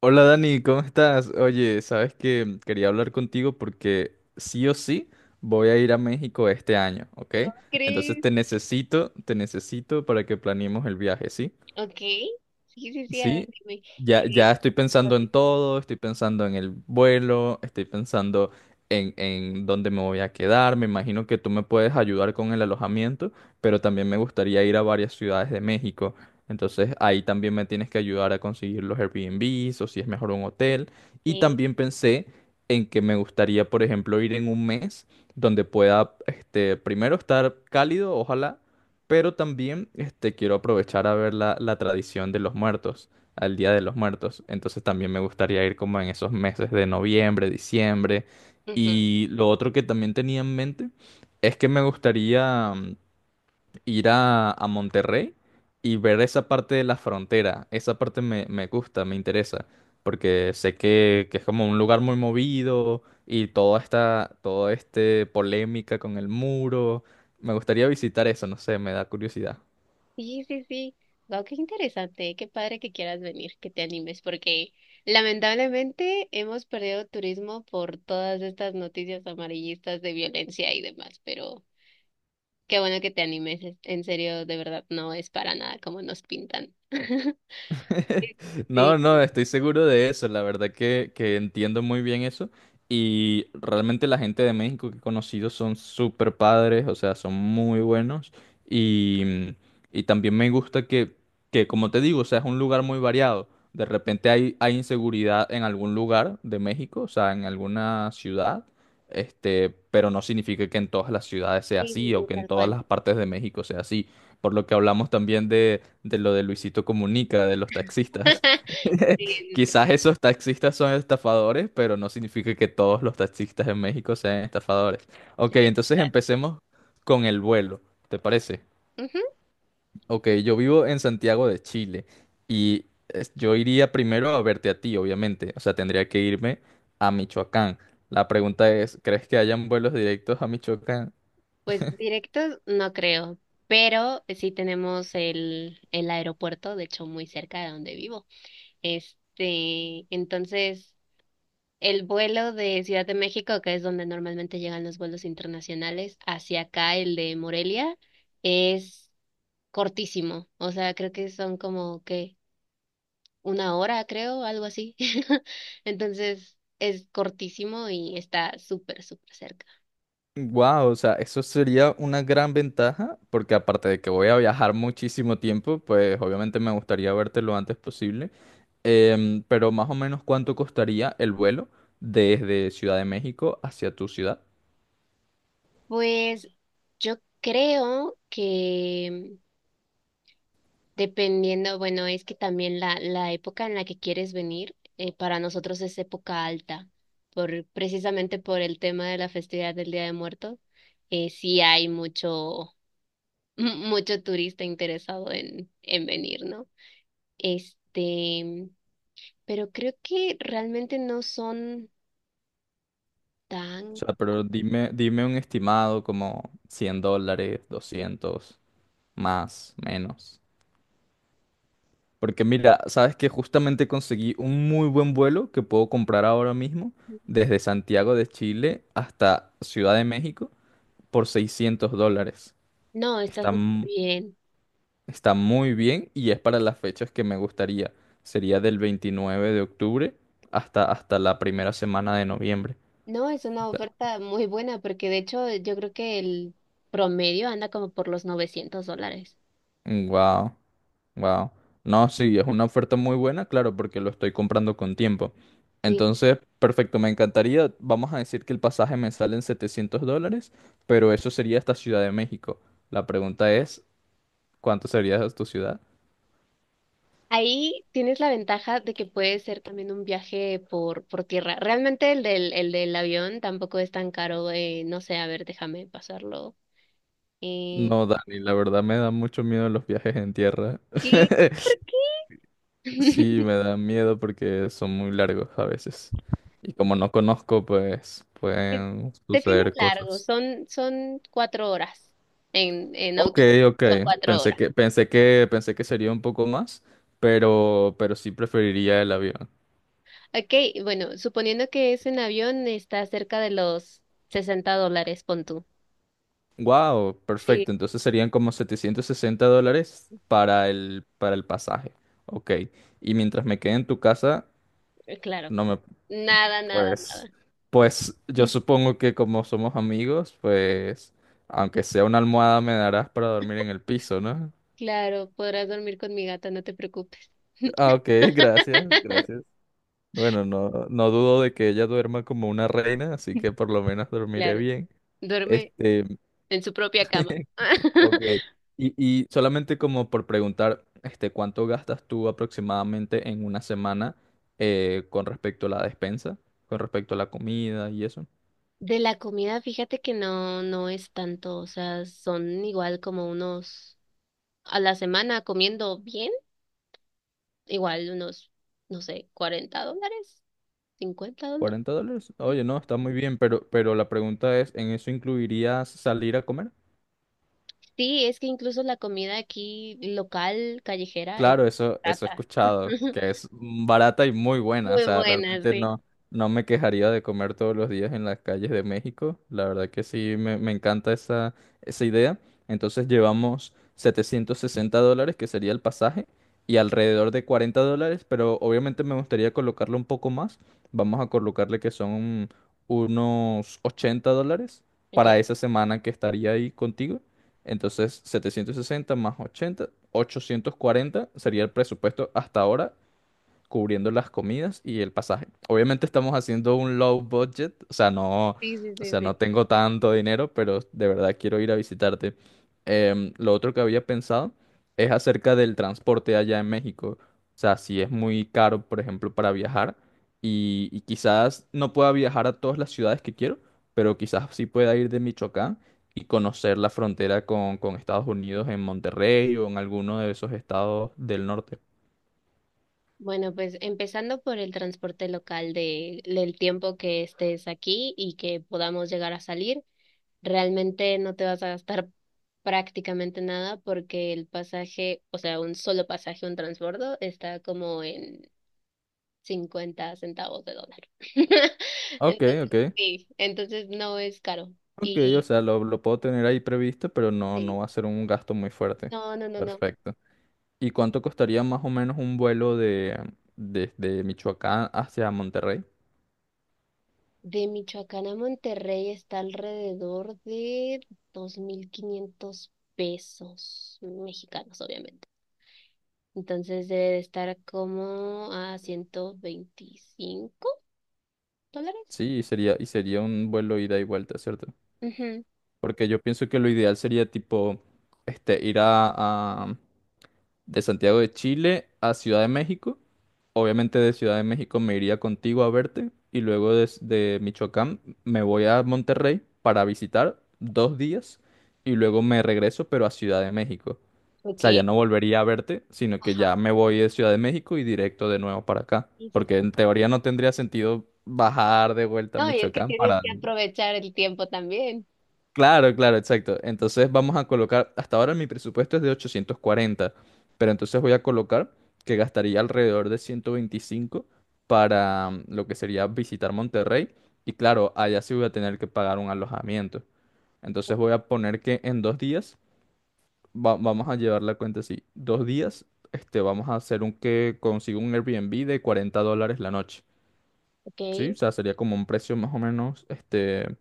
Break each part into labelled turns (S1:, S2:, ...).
S1: Hola Dani, ¿cómo estás? Oye, sabes que quería hablar contigo porque sí o sí voy a ir a México este año, ¿ok? Entonces
S2: ¿Crees?
S1: te necesito para que planeemos el viaje, ¿sí?
S2: Ok. Sí, sí, sí, a
S1: Sí,
S2: ver, dime.
S1: ya,
S2: ¿Qué?
S1: ya estoy pensando en todo, estoy pensando en el vuelo, estoy pensando en dónde me voy a quedar. Me imagino que tú me puedes ayudar con el alojamiento, pero también me gustaría ir a varias ciudades de México. Entonces ahí también me tienes que ayudar a conseguir los Airbnbs o si es mejor un hotel. Y
S2: ¿Qué?
S1: también pensé en que me gustaría, por ejemplo, ir en un mes donde pueda, este, primero estar cálido, ojalá, pero también este, quiero aprovechar a ver la tradición de los muertos, al Día de los Muertos. Entonces también me gustaría ir como en esos meses de noviembre, diciembre.
S2: Ujú.
S1: Y lo otro que también tenía en mente es que me gustaría, ir a Monterrey y ver esa parte de la frontera. Esa parte me, me gusta, me interesa, porque sé que es como un lugar muy movido y toda esta, todo este polémica con el muro. Me gustaría visitar eso, no sé, me da curiosidad.
S2: Sí, sí, sí. Wow, qué interesante. Qué padre que quieras venir, que te animes, porque lamentablemente hemos perdido turismo por todas estas noticias amarillistas de violencia y demás, pero qué bueno que te animes. En serio, de verdad, no es para nada como nos pintan. Sí,
S1: No, no, estoy seguro de eso. La verdad que entiendo muy bien eso. Y realmente la gente de México que he conocido son súper padres, o sea, son muy buenos. Y, y también me gusta que, como te digo, o sea, es un lugar muy variado. De repente hay, hay inseguridad en algún lugar de México, o sea, en alguna ciudad. Este, pero no significa que en todas las ciudades sea
S2: sí, sí,
S1: así o
S2: sí,
S1: que en
S2: tal
S1: todas
S2: cual.
S1: las partes de México sea así. Por lo que hablamos también de lo de Luisito Comunica, de los taxistas.
S2: Sí, sí, sí,
S1: Quizás esos taxistas son estafadores, pero no significa que todos los taxistas en México sean estafadores.
S2: sí,
S1: Ok, entonces
S2: tal
S1: empecemos con el vuelo, ¿te parece?
S2: cual.
S1: Ok, yo vivo en Santiago de Chile y yo iría primero a verte a ti, obviamente. O sea, tendría que irme a Michoacán. La pregunta es, ¿crees que hayan vuelos directos a Michoacán?
S2: Pues directos no creo, pero sí tenemos el aeropuerto, de hecho muy cerca de donde vivo. Entonces, el vuelo de Ciudad de México, que es donde normalmente llegan los vuelos internacionales, hacia acá, el de Morelia, es cortísimo. O sea, creo que son como que 1 hora, creo, algo así. Entonces, es cortísimo y está súper, súper cerca.
S1: Wow, o sea, eso sería una gran ventaja, porque aparte de que voy a viajar muchísimo tiempo, pues obviamente me gustaría verte lo antes posible. Pero más o menos cuánto costaría el vuelo desde Ciudad de México hacia tu ciudad.
S2: Pues yo creo que dependiendo, bueno, es que también la época en la que quieres venir, para nosotros es época alta, precisamente por el tema de la festividad del Día de Muertos, sí hay mucho, mucho turista interesado en venir, ¿no? Este, pero creo que realmente no son
S1: O
S2: tan...
S1: sea, pero dime, dime un estimado como $100, 200, más, menos. Porque mira, sabes que justamente conseguí un muy buen vuelo que puedo comprar ahora mismo desde Santiago de Chile hasta Ciudad de México por $600.
S2: No, está
S1: Está,
S2: súper
S1: m-
S2: bien.
S1: Está muy bien y es para las fechas que me gustaría. Sería del 29 de octubre hasta, hasta la primera semana de noviembre.
S2: No, es una oferta muy buena porque de hecho yo creo que el promedio anda como por los 900 dólares.
S1: Wow, wow. No, sí, es una oferta muy buena, claro, porque lo estoy comprando con tiempo.
S2: Sí.
S1: Entonces, perfecto, me encantaría. Vamos a decir que el pasaje me sale en $700, pero eso sería hasta Ciudad de México. La pregunta es, ¿cuánto sería tu ciudad?
S2: Ahí tienes la ventaja de que puede ser también un viaje por tierra. Realmente el del avión tampoco es tan caro. No sé, a ver, déjame pasarlo. Eh,
S1: No, Dani, la verdad me da mucho miedo los viajes en tierra.
S2: ¿Qué? ¿Por qué?
S1: Sí, me da miedo porque son muy largos a veces. Y como no conozco, pues
S2: Es-
S1: pueden
S2: Se fin es
S1: suceder
S2: largo,
S1: cosas.
S2: son 4 horas. En
S1: Ok,
S2: autobús
S1: ok.
S2: son cuatro
S1: Pensé
S2: horas.
S1: que, pensé que, pensé que sería un poco más, pero sí preferiría el avión.
S2: Ok, bueno, suponiendo que es en avión, está cerca de los 60 dólares, pon tú.
S1: Wow,
S2: Sí,
S1: perfecto. Entonces serían como 760 dólares para el pasaje. Ok. Y mientras me quede en tu casa,
S2: claro.
S1: no me...
S2: Nada, nada,
S1: Pues,
S2: nada.
S1: pues yo supongo que como somos amigos, pues aunque sea una almohada me darás para dormir en el piso, ¿no?
S2: Claro, podrás dormir con mi gata, no te preocupes.
S1: Ah, ok, gracias, gracias. Bueno, no, no dudo de que ella duerma como una reina, así que por lo menos dormiré
S2: Claro,
S1: bien.
S2: duerme
S1: Este,
S2: en su propia cama.
S1: ok. Y solamente como por preguntar, este, ¿cuánto gastas tú aproximadamente en una semana, con respecto a la despensa, con respecto a la comida y eso?
S2: De la comida, fíjate que no, no es tanto, o sea, son igual como unos a la semana comiendo bien, igual unos, no sé, 40 dólares, 50 dólares.
S1: ¿Cuarenta dólares? Oye, no, está muy bien, pero la pregunta es, ¿en eso incluirías salir a comer?
S2: Sí, es que incluso la comida aquí local, callejera, es
S1: Claro, eso he
S2: barata.
S1: escuchado, que es barata y muy buena. O
S2: Muy
S1: sea,
S2: buena,
S1: realmente
S2: sí.
S1: no, no me quejaría de comer todos los días en las calles de México. La verdad que sí, me encanta esa, esa idea. Entonces llevamos $760, que sería el pasaje, y alrededor de $40, pero obviamente me gustaría colocarle un poco más. Vamos a colocarle que son unos $80 para
S2: Okay.
S1: esa semana que estaría ahí contigo. Entonces, 760 más 80, 840 sería el presupuesto hasta ahora cubriendo las comidas y el pasaje. Obviamente estamos haciendo un low budget,
S2: Sí, sí,
S1: o
S2: sí,
S1: sea,
S2: sí.
S1: no tengo tanto dinero, pero de verdad quiero ir a visitarte. Lo otro que había pensado es acerca del transporte allá en México. O sea, si es muy caro, por ejemplo, para viajar y quizás no pueda viajar a todas las ciudades que quiero, pero quizás sí pueda ir de Michoacán y conocer la frontera con Estados Unidos en Monterrey o en alguno de esos estados del norte.
S2: Bueno, pues empezando por el transporte local del tiempo que estés aquí y que podamos llegar a salir, realmente no te vas a gastar prácticamente nada porque el pasaje, o sea, un solo pasaje, un transbordo, está como en 50 centavos de dólar.
S1: Ok, ok.
S2: Entonces, sí, entonces no es caro.
S1: Ok, o
S2: Y
S1: sea, lo puedo tener ahí previsto, pero no, no
S2: sí,
S1: va a ser un gasto muy fuerte.
S2: no, no, no, no.
S1: Perfecto. ¿Y cuánto costaría más o menos un vuelo de desde Michoacán hacia Monterrey?
S2: De Michoacán a Monterrey está alrededor de 2,500 pesos mexicanos, obviamente. Entonces debe de estar como a 125 dólares.
S1: Sí, y sería un vuelo ida y vuelta, ¿cierto?
S2: Ujú,
S1: Porque yo pienso que lo ideal sería tipo este ir a, de Santiago de Chile a Ciudad de México. Obviamente de Ciudad de México me iría contigo a verte y luego desde Michoacán me voy a Monterrey para visitar dos días y luego me regreso pero a Ciudad de México. O
S2: ok.
S1: sea, ya no volvería a verte, sino que ya
S2: Ajá.
S1: me voy de Ciudad de México y directo de nuevo para acá.
S2: Sí, sí,
S1: Porque
S2: sí,
S1: en
S2: pues.
S1: teoría no tendría sentido bajar de vuelta a
S2: No, y es que
S1: Michoacán
S2: tienes
S1: para...
S2: que aprovechar el tiempo también.
S1: Claro, claro, exacto. Entonces vamos a colocar, hasta ahora mi presupuesto es de 840, pero entonces voy a colocar que gastaría alrededor de 125 para, lo que sería visitar Monterrey. Y claro, allá sí voy a tener que pagar un alojamiento. Entonces voy a poner que en dos días, vamos a llevar la cuenta así, dos días, este, vamos a hacer un que consiga un Airbnb de $40 la noche.
S2: Ok.
S1: Sí, o sea, sería como un precio más o menos este,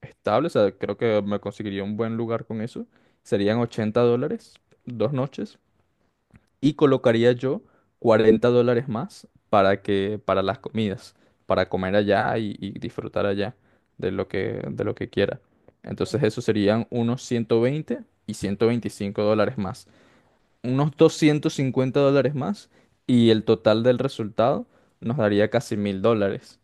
S1: estable. O sea, creo que me conseguiría un buen lugar con eso. Serían $80, dos noches. Y colocaría yo $40 más para que, para las comidas, para comer allá y disfrutar allá de lo que quiera. Entonces eso serían unos 120 y $125 más unos $250 más y el total del resultado nos daría casi $1,000.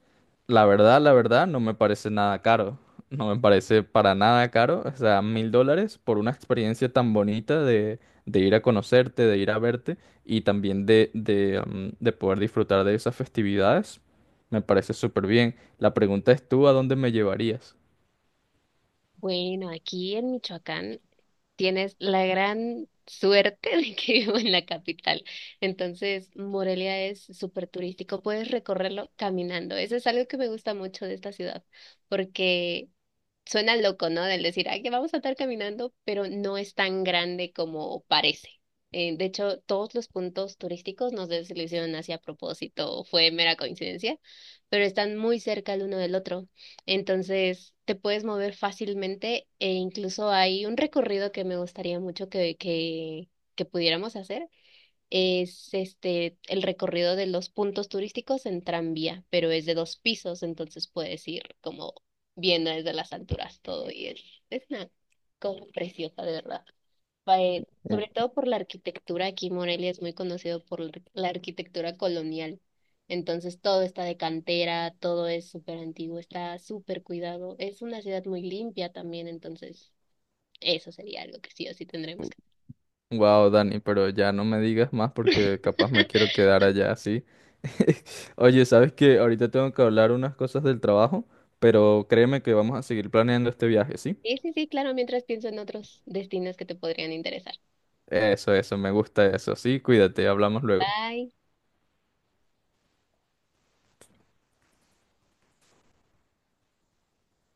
S1: La verdad, no me parece nada caro. No me parece para nada caro. O sea, $1,000 por una experiencia tan bonita de ir a conocerte, de ir a verte y también de, de poder disfrutar de esas festividades. Me parece súper bien. La pregunta es tú, ¿a dónde me llevarías?
S2: Bueno, aquí en Michoacán tienes la gran suerte de que vivo en la capital. Entonces, Morelia es súper turístico, puedes recorrerlo caminando. Eso es algo que me gusta mucho de esta ciudad, porque suena loco, ¿no? Del decir, ay, que vamos a estar caminando, pero no es tan grande como parece. De hecho, todos los puntos turísticos, no sé si lo hicieron así a propósito o fue mera coincidencia, pero están muy cerca el uno del otro. Entonces, te puedes mover fácilmente e incluso hay un recorrido que me gustaría mucho que pudiéramos hacer es este el recorrido de los puntos turísticos en tranvía, pero es de dos pisos, entonces puedes ir como viendo desde las alturas todo y es una cosa preciosa, de verdad. Va, sobre todo por la arquitectura, aquí Morelia es muy conocido por la arquitectura colonial, entonces todo está de cantera, todo es súper antiguo, está súper cuidado, es una ciudad muy limpia también, entonces eso sería algo que sí o sí tendremos que...
S1: Wow, Dani, pero ya no me digas más porque capaz me quiero quedar allá así. Oye, sabes que ahorita tengo que hablar unas cosas del trabajo, pero créeme que vamos a seguir planeando este viaje, ¿sí?
S2: Sí, sí, sí, claro, mientras pienso en otros destinos que te podrían interesar.
S1: Eso, me gusta eso. Sí, cuídate, hablamos luego.
S2: Bye.